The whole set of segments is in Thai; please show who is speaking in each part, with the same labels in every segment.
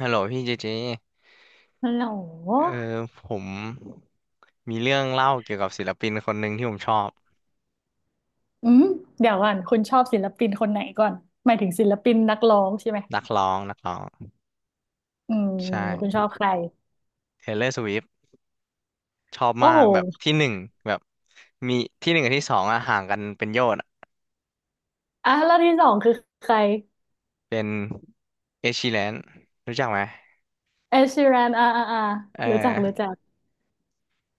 Speaker 1: ฮัลโหลพี่เจเจ
Speaker 2: ฮัลโหล
Speaker 1: เออผมมีเรื่องเล่าเกี่ยวกับศิลปินคนหนึ่งที่ผมชอบ
Speaker 2: อืม เดี๋ยวก่อนคุณชอบศิลปินคนไหนก่อนหมายถึงศิลปินนักร้องใช่ไหม
Speaker 1: นักร้อง
Speaker 2: อืม
Speaker 1: ใช
Speaker 2: คุณช
Speaker 1: ่
Speaker 2: อบใคร
Speaker 1: Taylor Swift ชอบ
Speaker 2: โอ้
Speaker 1: มา
Speaker 2: โห
Speaker 1: กแบบที่หนึ่งแบบมีที่หนึ่งกับที่สองอะห่างกันเป็นโยชน์อะ
Speaker 2: อ่ะแล้วที่สองคือใคร
Speaker 1: เป็น Ed Sheeran รู้จักไหม
Speaker 2: เอชชีแรน
Speaker 1: เอ
Speaker 2: รู้จักรู้
Speaker 1: อ
Speaker 2: จัก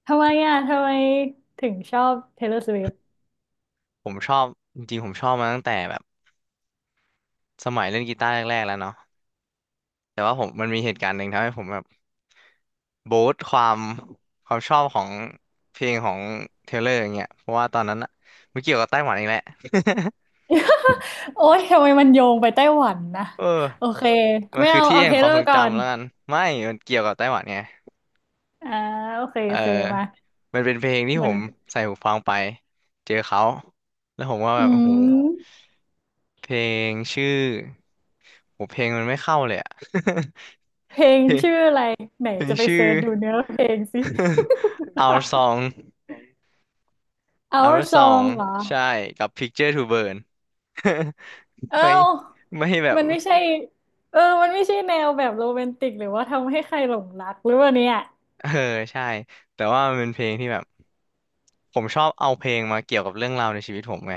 Speaker 2: ทำไมอ่ะทำไมถึงชอบ Taylor Swift
Speaker 1: ผมชอบจริงๆผมชอบมาตั้งแต่แบบสมัยเล่นกีตาร์แรกๆแล้วเนาะแต่ว่าผมมันมีเหตุการณ์หนึ่งทำให้ผมแบบ บูสต์ความความชอบของเพลงของเทเลอร์อย่างเงี้ยเพราะว่าตอนนั้นอะมันเกี่ยวกับไต้หวันอีกแหละ
Speaker 2: โอ้ยทำไมมันโยงไปไต้หวันนะ
Speaker 1: เออ
Speaker 2: โอเค
Speaker 1: มัน
Speaker 2: ไม่
Speaker 1: คือ
Speaker 2: เอา
Speaker 1: ที่
Speaker 2: เอา
Speaker 1: แห่
Speaker 2: เท
Speaker 1: งควา
Speaker 2: เล
Speaker 1: มทรง
Speaker 2: ก่อ
Speaker 1: จำ
Speaker 2: น
Speaker 1: แล้วกันไม่มันเกี่ยวกับไต้หวันไง
Speaker 2: อ่าโอเค
Speaker 1: เอ
Speaker 2: โอเคมา
Speaker 1: อมันเป็นเพลงที่
Speaker 2: มั
Speaker 1: ผ
Speaker 2: น
Speaker 1: มใส่หูฟังไปเจอเขาแล้วผมว่า
Speaker 2: อื
Speaker 1: แบบโอ้โห
Speaker 2: ม
Speaker 1: เพลงชื่อโหเพลงมันไม่เข้าเลยอะ
Speaker 2: เพล ง
Speaker 1: เพลง
Speaker 2: ชื่ออะไรไหน
Speaker 1: เพลง
Speaker 2: จะไป
Speaker 1: ชื่
Speaker 2: เซิ
Speaker 1: อ
Speaker 2: ร์ชดูเนื้อเพลงสิ
Speaker 1: Our Song
Speaker 2: เอา
Speaker 1: Our
Speaker 2: ซอ
Speaker 1: Song
Speaker 2: งเหรอ
Speaker 1: ใช่กับ Picture to Burn ไม่
Speaker 2: เอ้า
Speaker 1: ไม่แบบ
Speaker 2: มันไม่ใช่เออมันไม่ใช่แนวแบบโรแมนติกหรือว่าทำให้ใครหลงรักหรือว่าเนี่ย
Speaker 1: เออใช่แต่ว่ามันเป็นเพลงที่แบบผมชอบเอาเพลงมาเกี่ยวกับเรื่องราวในชีวิตผมไง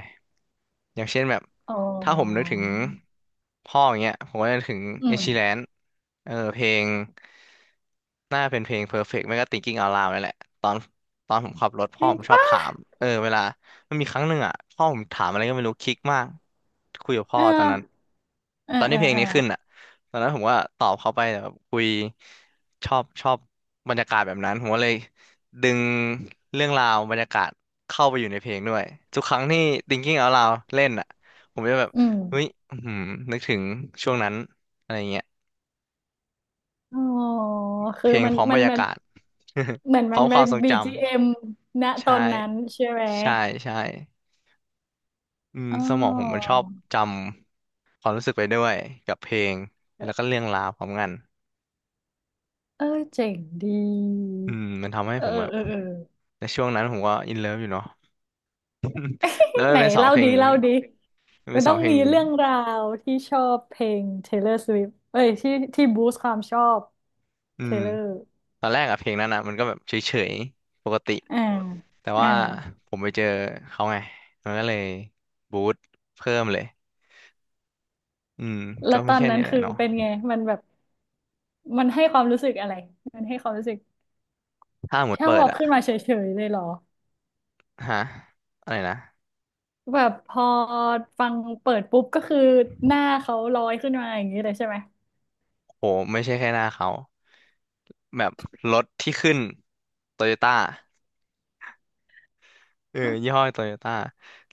Speaker 1: อย่างเช่นแบบ
Speaker 2: อ๋อ
Speaker 1: ถ้าผมนึกถึงพ่ออย่างเงี้ยผมก็จะนึกถึง
Speaker 2: อื
Speaker 1: เอชิแล
Speaker 2: ม
Speaker 1: นเออเพลงน่าเป็นเพลง Perfect ไม่ก็ Thinking Out Loud นั่นแหละตอนตอนผมขับรถ
Speaker 2: จ
Speaker 1: พ่อ
Speaker 2: ริง
Speaker 1: ผมชอบถา
Speaker 2: ปะ
Speaker 1: มเออเวลามันมีครั้งหนึ่งอ่ะพ่อผมถามอะไรก็ไม่รู้คลิกมากคุยกับพ่
Speaker 2: เอ
Speaker 1: อ
Speaker 2: อ
Speaker 1: ตอนนั้น
Speaker 2: เออ
Speaker 1: ตอน
Speaker 2: เอ
Speaker 1: ที่
Speaker 2: อ
Speaker 1: เพลง
Speaker 2: เออ
Speaker 1: นี้ขึ้นอ่ะตอนนั้นผมก็ตอบเขาไปแต่แบบคุยชอบบรรยากาศแบบนั้นผมก็เลย ดึงเรื่องราวบรรยากาศเข้าไปอยู่ในเพลงด้วยทุกครั้งที่ Thinking Out Loud เล่นอ่ะผมจะแบบ
Speaker 2: อืม
Speaker 1: เฮ้ยอื้อหือนึกถึงช่วงนั้นอะไรเงี้ย
Speaker 2: อ๋อ
Speaker 1: เพ
Speaker 2: คือ
Speaker 1: ลง
Speaker 2: มั
Speaker 1: พ
Speaker 2: น
Speaker 1: ร้อม
Speaker 2: มั
Speaker 1: บร
Speaker 2: น
Speaker 1: รยา
Speaker 2: มัน
Speaker 1: กาศ
Speaker 2: เหมือน
Speaker 1: พ
Speaker 2: มั
Speaker 1: ร้อ
Speaker 2: น
Speaker 1: มค
Speaker 2: เป็
Speaker 1: วา
Speaker 2: น
Speaker 1: มทรงจ
Speaker 2: BGM ณ
Speaker 1: ำ
Speaker 2: ตอ
Speaker 1: ใช่
Speaker 2: นนั้นใช่ไหม
Speaker 1: ใช่ใช่อืม
Speaker 2: อ๋อ
Speaker 1: สมองผมมันชอบจำความรู้สึกไปด้วยกับเพลงแล้วก็เรื่องราวพร้อมกัน
Speaker 2: เออเจ๋งดี
Speaker 1: อืมมันทำให้
Speaker 2: เอ
Speaker 1: ผ
Speaker 2: อ
Speaker 1: มแบบ
Speaker 2: เออเออ
Speaker 1: ในช่วงนั้นผมก็อินเลิฟอยู่เนาะแล้วมั
Speaker 2: ไห
Speaker 1: น
Speaker 2: น
Speaker 1: เป็นสอง
Speaker 2: เล่า
Speaker 1: เพล
Speaker 2: ดี
Speaker 1: งนี้
Speaker 2: เล่าดี
Speaker 1: มัน
Speaker 2: มั
Speaker 1: เป็น
Speaker 2: น
Speaker 1: ส
Speaker 2: ต้
Speaker 1: อ
Speaker 2: อ
Speaker 1: ง
Speaker 2: ง
Speaker 1: เพลง
Speaker 2: มี
Speaker 1: นี้
Speaker 2: เรื่องราวที่ชอบเพลง Taylor Swift เอ้ยที่ที่บูสต์ความชอบ
Speaker 1: อืม
Speaker 2: Taylor
Speaker 1: ตอนแรกอะเพลงนั้นอะมันก็แบบเฉยๆปกติ
Speaker 2: อ่า
Speaker 1: แต่
Speaker 2: อ่า
Speaker 1: ว่าผมไปเจอเขาไงมันก็เลยบูสตเพิ่มเลยอืม
Speaker 2: แล้
Speaker 1: ก็
Speaker 2: วต
Speaker 1: มี
Speaker 2: อน
Speaker 1: แค่
Speaker 2: นั้
Speaker 1: นี้
Speaker 2: น
Speaker 1: แหละ
Speaker 2: คือ
Speaker 1: เนาะ
Speaker 2: เป็นไงมันแบบมันให้ความรู้สึกอะไรมันให้ความรู้สึก
Speaker 1: ถ้าหมด
Speaker 2: ชอ
Speaker 1: เปิด
Speaker 2: บ
Speaker 1: อะ
Speaker 2: ขึ้นมาเฉยๆเลยเหรอ
Speaker 1: ฮะอะไรนะ
Speaker 2: แบบพอฟังเปิดปุ๊บก็คือหน้าเขาลอยขึ้นมาอย่างนี้เลยใช่ไหม
Speaker 1: โหไม่ใช่แค่หน้าเขาแบบรถที่ขึ้นโตโยต้าเออยี่ห้อโตโยต้า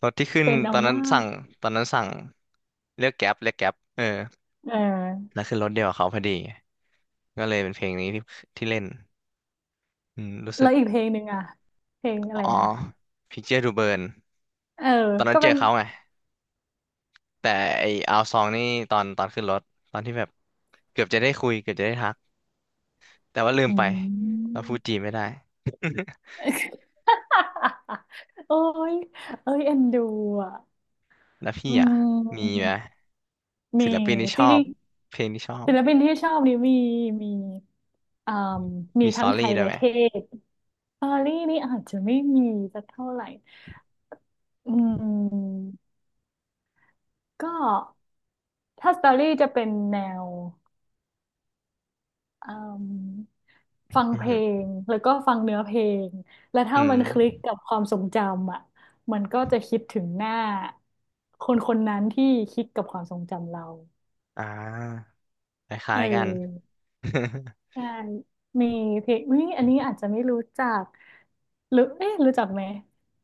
Speaker 1: รถที่ขึ้น
Speaker 2: เป็น
Speaker 1: ต
Speaker 2: เอา
Speaker 1: อนนั้น
Speaker 2: มา
Speaker 1: สั่
Speaker 2: ก
Speaker 1: งตอนนั้นสั่งเรียกแก๊ปเออ
Speaker 2: เอ
Speaker 1: แล้ว
Speaker 2: อ
Speaker 1: ขึ้นรถเดียวกับเขาพอดีก็เลยเป็นเพลงนี้ที่ที่เล่นอืมรู้สึ
Speaker 2: แล้
Speaker 1: ก
Speaker 2: วอีกเพลงหนึ่งอ่ะเพลงอะไร
Speaker 1: อ๋อ
Speaker 2: นะ
Speaker 1: Picture to Burn
Speaker 2: เออ
Speaker 1: ตอนนั้
Speaker 2: ก็
Speaker 1: นเจ
Speaker 2: เป็
Speaker 1: อ
Speaker 2: น
Speaker 1: เขาไงแต่ไอเอาซองนี่ตอนขึ้นรถตอนที่แบบเกือบจะได้คุยเกือบจะได้ทักแต่ว่าลืม
Speaker 2: อื
Speaker 1: ไปเราพูดจี
Speaker 2: ม
Speaker 1: นไม่ได้
Speaker 2: โอ้ยเอ้ยเอ็นดูอ่ะ
Speaker 1: แล้วพี่
Speaker 2: อื
Speaker 1: อ่ะมีไห
Speaker 2: ม
Speaker 1: ม
Speaker 2: มี
Speaker 1: ศิลปินที่ช
Speaker 2: จ
Speaker 1: อบ
Speaker 2: ริง
Speaker 1: เพลงที่ชอ
Speaker 2: ๆ
Speaker 1: บ
Speaker 2: ศิลปินที่ชอบนี่มีมีอ่ามี
Speaker 1: มีสต
Speaker 2: ทั้ง
Speaker 1: อ
Speaker 2: ไท
Speaker 1: รี่
Speaker 2: ย
Speaker 1: ด้วย
Speaker 2: และ
Speaker 1: ไหม
Speaker 2: เทศปารีนี่อาจจะไม่มีสักเท่าไหร่อืมก็ถ้าสตอรี่จะเป็นแนว อืมฟัง
Speaker 1: อือ
Speaker 2: เพล
Speaker 1: หือ
Speaker 2: งแล้วก็ฟังเนื้อเพลงแล้ว
Speaker 1: อื
Speaker 2: ถ้า
Speaker 1: ม
Speaker 2: มันคลิกกับความทรงจำอ่ะมันก็จะคิดถึงหน้าคนคนนั้นที่คิดกับความทรงจำเรา
Speaker 1: อ่าค
Speaker 2: เ
Speaker 1: ล้ายๆกัน
Speaker 2: ออ ใช่มีเพลงอุ๊ยอันนี้อาจจะไม่รู้จักหรือเอ๊ะรู้จักไหม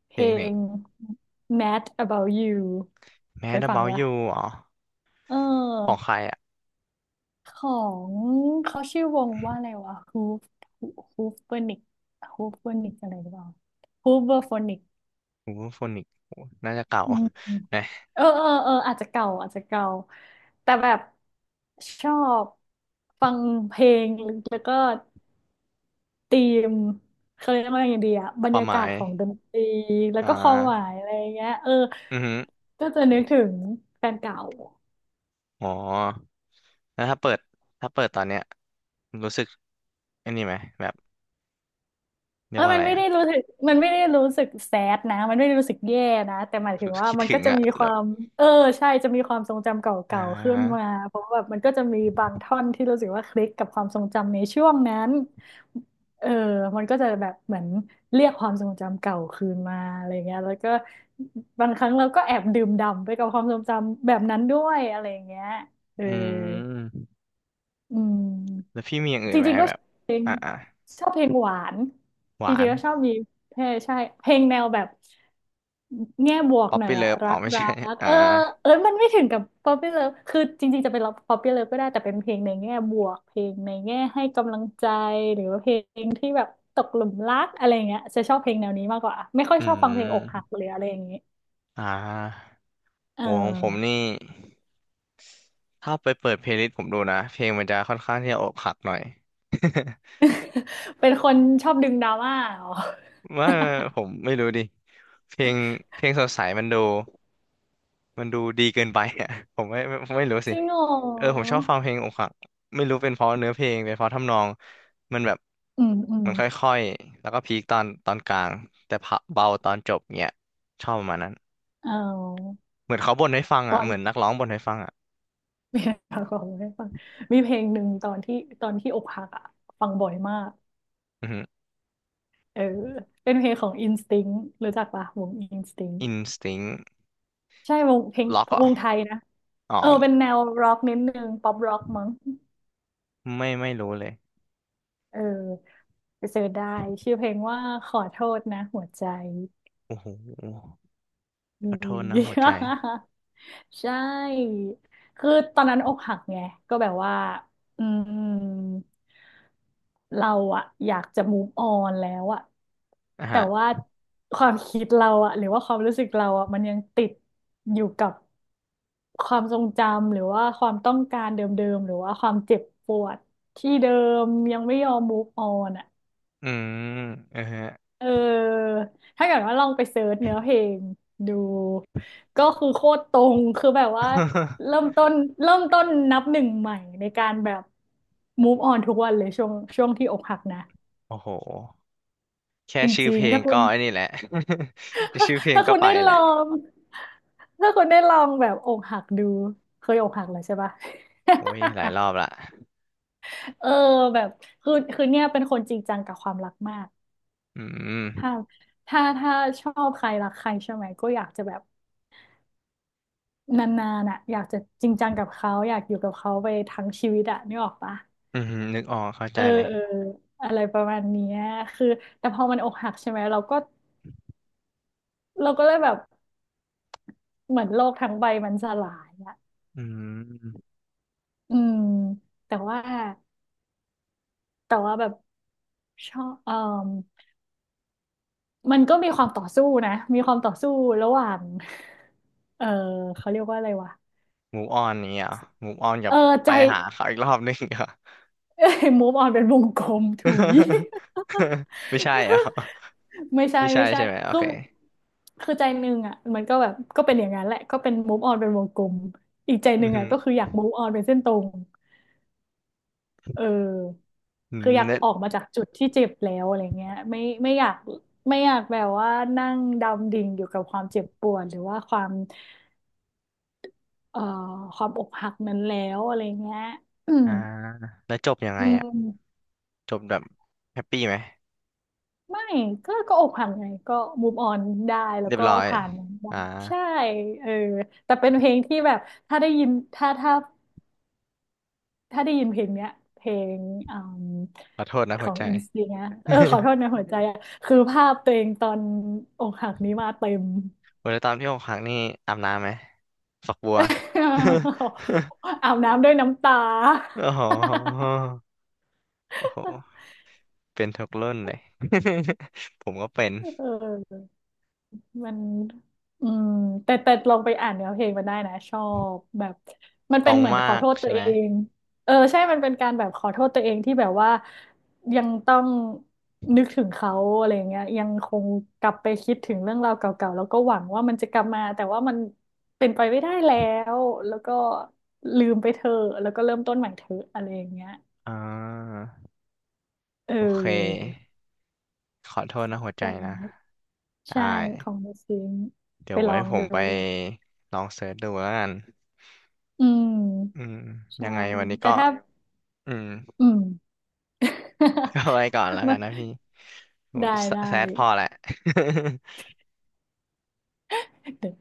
Speaker 2: เพ
Speaker 1: เพล
Speaker 2: ล
Speaker 1: งเพลง
Speaker 2: ง Mad About You เค
Speaker 1: Mad
Speaker 2: ยฟัง
Speaker 1: About
Speaker 2: ปะ
Speaker 1: You อ๋อ
Speaker 2: เออ
Speaker 1: ของใครอ่ะ
Speaker 2: ของเขาชื่อวงว่าอะไรวะฮูฟฮูฟเวอร์นิกฮูฟเวอร์นิกอะไรหรือเปล่าฮูฟเวอร์โฟนิก
Speaker 1: โอ้โฟนิกน่าจะเก่า
Speaker 2: อืม
Speaker 1: นะ
Speaker 2: เออเออเอออาจจะเก่าอาจจะเก่าแต่แบบชอบฟังเพลงแล้วก็ธีมเขาเรียกว่าอย่างดีอะบร
Speaker 1: ค
Speaker 2: ร
Speaker 1: วาม
Speaker 2: ยา
Speaker 1: ห
Speaker 2: กา
Speaker 1: มา
Speaker 2: ศ
Speaker 1: ย
Speaker 2: ของดนตรีแล้ว
Speaker 1: อ่
Speaker 2: ก็ความหมา
Speaker 1: า
Speaker 2: ยอะไรอย่างเงี้ยเออ
Speaker 1: อือหือ
Speaker 2: ก็จะนึกถึงแฟนเก่า
Speaker 1: อ๋อ แล้วถ้าเปิดตอนเนี้ยรู้สึกอันนี้ไหมแบบเรี
Speaker 2: เอ
Speaker 1: ยก
Speaker 2: อ
Speaker 1: ว่าอะ
Speaker 2: มัน
Speaker 1: ไร
Speaker 2: ไม่
Speaker 1: อ่ะ
Speaker 2: ได้รู้สึกมันไม่ได้รู้สึกแซดนะมันไม่ได้รู้สึกแย่นะ แต่หมายถึงว่า
Speaker 1: คิด
Speaker 2: มัน
Speaker 1: ถึ
Speaker 2: ก็
Speaker 1: ง
Speaker 2: จะ
Speaker 1: อ่ะ
Speaker 2: มีค
Speaker 1: แบ
Speaker 2: วา
Speaker 1: บ
Speaker 2: มเออใช่ จะมีความทรงจำเก
Speaker 1: อ่
Speaker 2: ่าๆขึ้น
Speaker 1: า
Speaker 2: มาเพราะว่าแบบมันก็จะมีบางท่อนที่รู้สึกว่าคลิกกับความทรงจำในช่วงนั้นเออมันก็จะแบบเหมือนเรียกความทรงจำเก่าคืนมาอะไรเงี้ยแล้วก็บางครั้งเราก็แอบดื่มด่ำไปกับความทรงจำแบบนั้นด้วยอะไรเงี้ยเออ
Speaker 1: อืม
Speaker 2: อืม
Speaker 1: แล้วพี่มีอย่างอื่
Speaker 2: จ
Speaker 1: นไหม
Speaker 2: ริงๆก็
Speaker 1: แบ
Speaker 2: ช
Speaker 1: บ
Speaker 2: อบเพลง
Speaker 1: อ่าอ่า
Speaker 2: ชอบเพลงหวาน
Speaker 1: ห
Speaker 2: จ
Speaker 1: วา
Speaker 2: ริ
Speaker 1: น
Speaker 2: งๆก็ชอบมีเพลงใช่เพลงแนวแบบแง่บวก
Speaker 1: ป๊อป
Speaker 2: หน่อย
Speaker 1: ปี้เลิ
Speaker 2: อะ
Speaker 1: ฟ
Speaker 2: รั
Speaker 1: อ๋อ
Speaker 2: ก
Speaker 1: ไม่
Speaker 2: รั
Speaker 1: ใช่
Speaker 2: ก
Speaker 1: อ่า
Speaker 2: เออเออมันไม่ถึงกับ Poppy Love คือจริงๆจะเป็น Poppy Love ก็ได้แต่เป็นเพลงในแง่บวกเพลงในแง่ให้กำลังใจหรือว่าเพลงที่แบบตกหลุมรักอะไรอย่างเงี้ยจะชอบเพลงแนวนี้มากกว่าไม่ค่อย
Speaker 1: อื
Speaker 2: ชอบฟังเพลงอกหัก
Speaker 1: ม
Speaker 2: หรืออะไรอย่างงี้
Speaker 1: อ่า
Speaker 2: เอ
Speaker 1: โหของผม
Speaker 2: อ
Speaker 1: นี่ถ้าไปเปิดเพลย์ลิสต์ผมดูนะเพลงมันจะค่อนข้างที่จะอกหักหน่อย
Speaker 2: เป็นคนชอบดึงดราม่าเหรอ
Speaker 1: ว่าผมไม่รู้ดิเพลงเพลงสดใสมันดูดีเกินไปอ่ะ ผมไม่รู้
Speaker 2: จ
Speaker 1: สิ
Speaker 2: ริงเหร
Speaker 1: เออผม
Speaker 2: อ
Speaker 1: ชอบฟังเพลงอกหักไม่รู้เป็นเพราะเนื้อเพลงเป็นเพราะทำนองมันแบบ
Speaker 2: อืม
Speaker 1: มันค่อยๆแล้วก็พีคตอนกลางแต่พะเบาตอนจบเงี้ยชอบประมาณนั้น
Speaker 2: เอา
Speaker 1: เหมือนเขาบ่นให้ฟัง
Speaker 2: ตอ
Speaker 1: อ่ะเหมือน
Speaker 2: น
Speaker 1: นักร้องบ่นให้ฟังอ่ะ
Speaker 2: มีเพลงของให้ฟังมีเพลงหนึ่งตอนที่ตอนที่อกหักอ่ะฟังบ่อยมาก
Speaker 1: อือฮึ
Speaker 2: เออเป็นเพลงของ Instinct รู้จักปะวง Instinct
Speaker 1: n ิ t สต c ้ง
Speaker 2: ใช่วงเพลง
Speaker 1: ล็อกเหรอ่ะ
Speaker 2: วงไทยนะ
Speaker 1: อ๋อ
Speaker 2: เออเป็นแนวร็อกนิดนึงป๊อปร็อกมั้ง
Speaker 1: ไม่รู้เลย
Speaker 2: เออไปเสิร์ชได้ชื่อเพลงว่าขอโทษนะหัวใจ
Speaker 1: โอ้โห
Speaker 2: อื
Speaker 1: ขอโท
Speaker 2: ม
Speaker 1: ษนะหัวใจ
Speaker 2: ใช่คือตอนนั้นอกหักไงก็แบบว่าอืม เราอะอยากจะ move on แล้วอะ
Speaker 1: อ่ะ
Speaker 2: แต่
Speaker 1: ฮะ
Speaker 2: ว่าความคิดเราอะหรือว่าความรู้สึกเราอะมันยังติดอยู่กับความทรงจำหรือว่าความต้องการเดิมๆหรือว่าความเจ็บปวดที่เดิมยังไม่ยอม move on อะ
Speaker 1: อืมเออฮะ
Speaker 2: เออถ้าเกิดว่าลองไปเสิร์ชเนื้อเพลงดูก็คือโคตรตรงคือแบบว่าเริ่ม ต้นเริ่มต้นนับหนึ่งใหม่ในการแบบ move on ทุกวันเลยช่วงช่วงที่อกหักนะ
Speaker 1: โอ้โหแค่
Speaker 2: จ
Speaker 1: ชื่อ
Speaker 2: ริ
Speaker 1: เพ
Speaker 2: ง
Speaker 1: ล
Speaker 2: ๆ
Speaker 1: ง
Speaker 2: ถ้าคุ
Speaker 1: ก็
Speaker 2: ณ
Speaker 1: ไอ้นี่แหละ แค่ชื่อเพลง
Speaker 2: ถ้า
Speaker 1: ก็
Speaker 2: คุณ
Speaker 1: ไป
Speaker 2: ได้
Speaker 1: แห
Speaker 2: ลอ
Speaker 1: ละ
Speaker 2: งถ้าคุณได้ลองแบบอกหักดูเคยอกหักแล้วใช่ปะ
Speaker 1: โอ้ยหลายรอบละ
Speaker 2: เออแบบคือเนี่ยเป็นคนจริงจังกับความรักมาก
Speaker 1: อืม
Speaker 2: ถ้าถ้าชอบใครรักใครใช่ไหมก็อยากจะแบบนานๆอ่ะอยากจะจริงจังกับเขาอยากอยู่กับเขาไปทั้งชีวิตอ่ะนึกออกปะ
Speaker 1: อือหือนึกออกเข้าใจ
Speaker 2: เออ
Speaker 1: เลย
Speaker 2: เอออะไรประมาณเนี้ยคือแต่พอมันอกหักใช่ไหมเราก็เลยแบบเหมือนโลกทั้งใบมันสลายอ่ะ
Speaker 1: อืม
Speaker 2: อืมแต่ว่าแต่ว่าแบบ ชอบเอ่อมมันก็มีความต่อสู้นะมีความต่อสู้ระหว่าง เออเขาเรียกว่าอะไรวะ
Speaker 1: มูฟออนนี้อ่ะมูฟออนกั
Speaker 2: เอ
Speaker 1: บ
Speaker 2: อใจ
Speaker 1: ไปหาเขาอีกรอบนึงเหรอ
Speaker 2: เอ้ย move on เป็นวงกลมถุย
Speaker 1: ไม่ใช่เหรอ่ะ
Speaker 2: ไม่ ใช่
Speaker 1: ไม่ใช่
Speaker 2: ไม่ใช่
Speaker 1: ใช่ไหมโอ
Speaker 2: คือ
Speaker 1: เค
Speaker 2: คือใจหนึ่งอ่ะมันก็แบบก็เป็นอย่างนั้นแหละก็เป็น move on เป็นวงกลมอีกใจห
Speaker 1: อื
Speaker 2: นึ่
Speaker 1: อ
Speaker 2: ง
Speaker 1: หื
Speaker 2: อ่ะ
Speaker 1: อ
Speaker 2: ก็คืออยาก move on เป็นเส้นตรง เออ
Speaker 1: อืม
Speaker 2: คืออยาก
Speaker 1: แล้ว
Speaker 2: ออกมาจากจุดที่เจ็บแล้วอะไรเงี้ยไม่ไม่อยากไม่อยากแบบว่านั่งดำดิ่งอยู่กับความเจ็บปวดหรือว่าความเอ่อความอกหักนั้นแล้วอะไรเงี้ยอืม
Speaker 1: อ่าแล้วจบยังไง
Speaker 2: อื
Speaker 1: อ่ะ
Speaker 2: ม
Speaker 1: จบแบบแฮปปี้ไหม
Speaker 2: ไม่ก็ก็อกหักไงก็ move on ได้แล้ว
Speaker 1: เรียบ
Speaker 2: ก็
Speaker 1: ร้อย
Speaker 2: ผ่านมันได้
Speaker 1: อ่า
Speaker 2: ใช่เออแต่เป็นเพลงที่แบบถ้าได้ยินถ้าได้ยินเพลงเนี้ยเพลงอม
Speaker 1: ขอโทษนะ
Speaker 2: ข
Speaker 1: หั
Speaker 2: อ
Speaker 1: ว
Speaker 2: ง
Speaker 1: ใจ
Speaker 2: อินสตินะเออขอ โทษนะหัวใจอะคือภาพตัวเองตอนอกหักนี้มาเต็ม
Speaker 1: โอ้ยแล้วตอนที่อกหักนี่อาบน้ำไหมฝักบัว
Speaker 2: อาบน้ำด้วยน้ำตา
Speaker 1: โอ้โหโอ้โหเป็นทุกรุ่นเลย ผมก็เป็น
Speaker 2: เออ มันอืมแต่ลองไปอ่านเนื้อเพลงมันได้นะชอบแบบมัน
Speaker 1: ต
Speaker 2: เป็
Speaker 1: ร
Speaker 2: น
Speaker 1: ง
Speaker 2: เหมือน
Speaker 1: มา
Speaker 2: ขอ
Speaker 1: ก
Speaker 2: โทษตั
Speaker 1: ใช่
Speaker 2: ว
Speaker 1: ไหม
Speaker 2: เองเออใช่มันเป็นการแบบขอโทษตัวเองที่แบบว่ายังต้องนึกถึงเขาอะไรอย่างเงี้ยยังคงกลับไปคิดถึงเรื่องราวเก่าๆแล้วก็หวังว่ามันจะกลับมาแต่ว่ามันเป็นไปไม่ได้แล้วแล้วก็ลืมไปเถอะแล้วก็เริ่มต้นใหม่เถอะอะไรอย่างเงี้ย
Speaker 1: อ่า
Speaker 2: เอ
Speaker 1: โอเค
Speaker 2: อ
Speaker 1: ขอโทษนะหัวใจ
Speaker 2: แต่
Speaker 1: นะ ได้
Speaker 2: ใช่ของเดอะซิงค์
Speaker 1: เดี๋ย
Speaker 2: ไป
Speaker 1: ว
Speaker 2: ล
Speaker 1: ไว้
Speaker 2: อง
Speaker 1: ผม
Speaker 2: ดู
Speaker 1: ไปลองเสิร์ชดูแล้วกัน
Speaker 2: อื
Speaker 1: อื
Speaker 2: ม
Speaker 1: ม
Speaker 2: ใช่
Speaker 1: ยังไงวันนี้
Speaker 2: แต่
Speaker 1: ก็
Speaker 2: ถ้า
Speaker 1: อืม
Speaker 2: อืม
Speaker 1: ก็ไว้ ก่อนแล้วกันนะพี่โอ้
Speaker 2: ได้
Speaker 1: ยแซ
Speaker 2: ได้
Speaker 1: แซดพอแหละ
Speaker 2: เดี๋ยว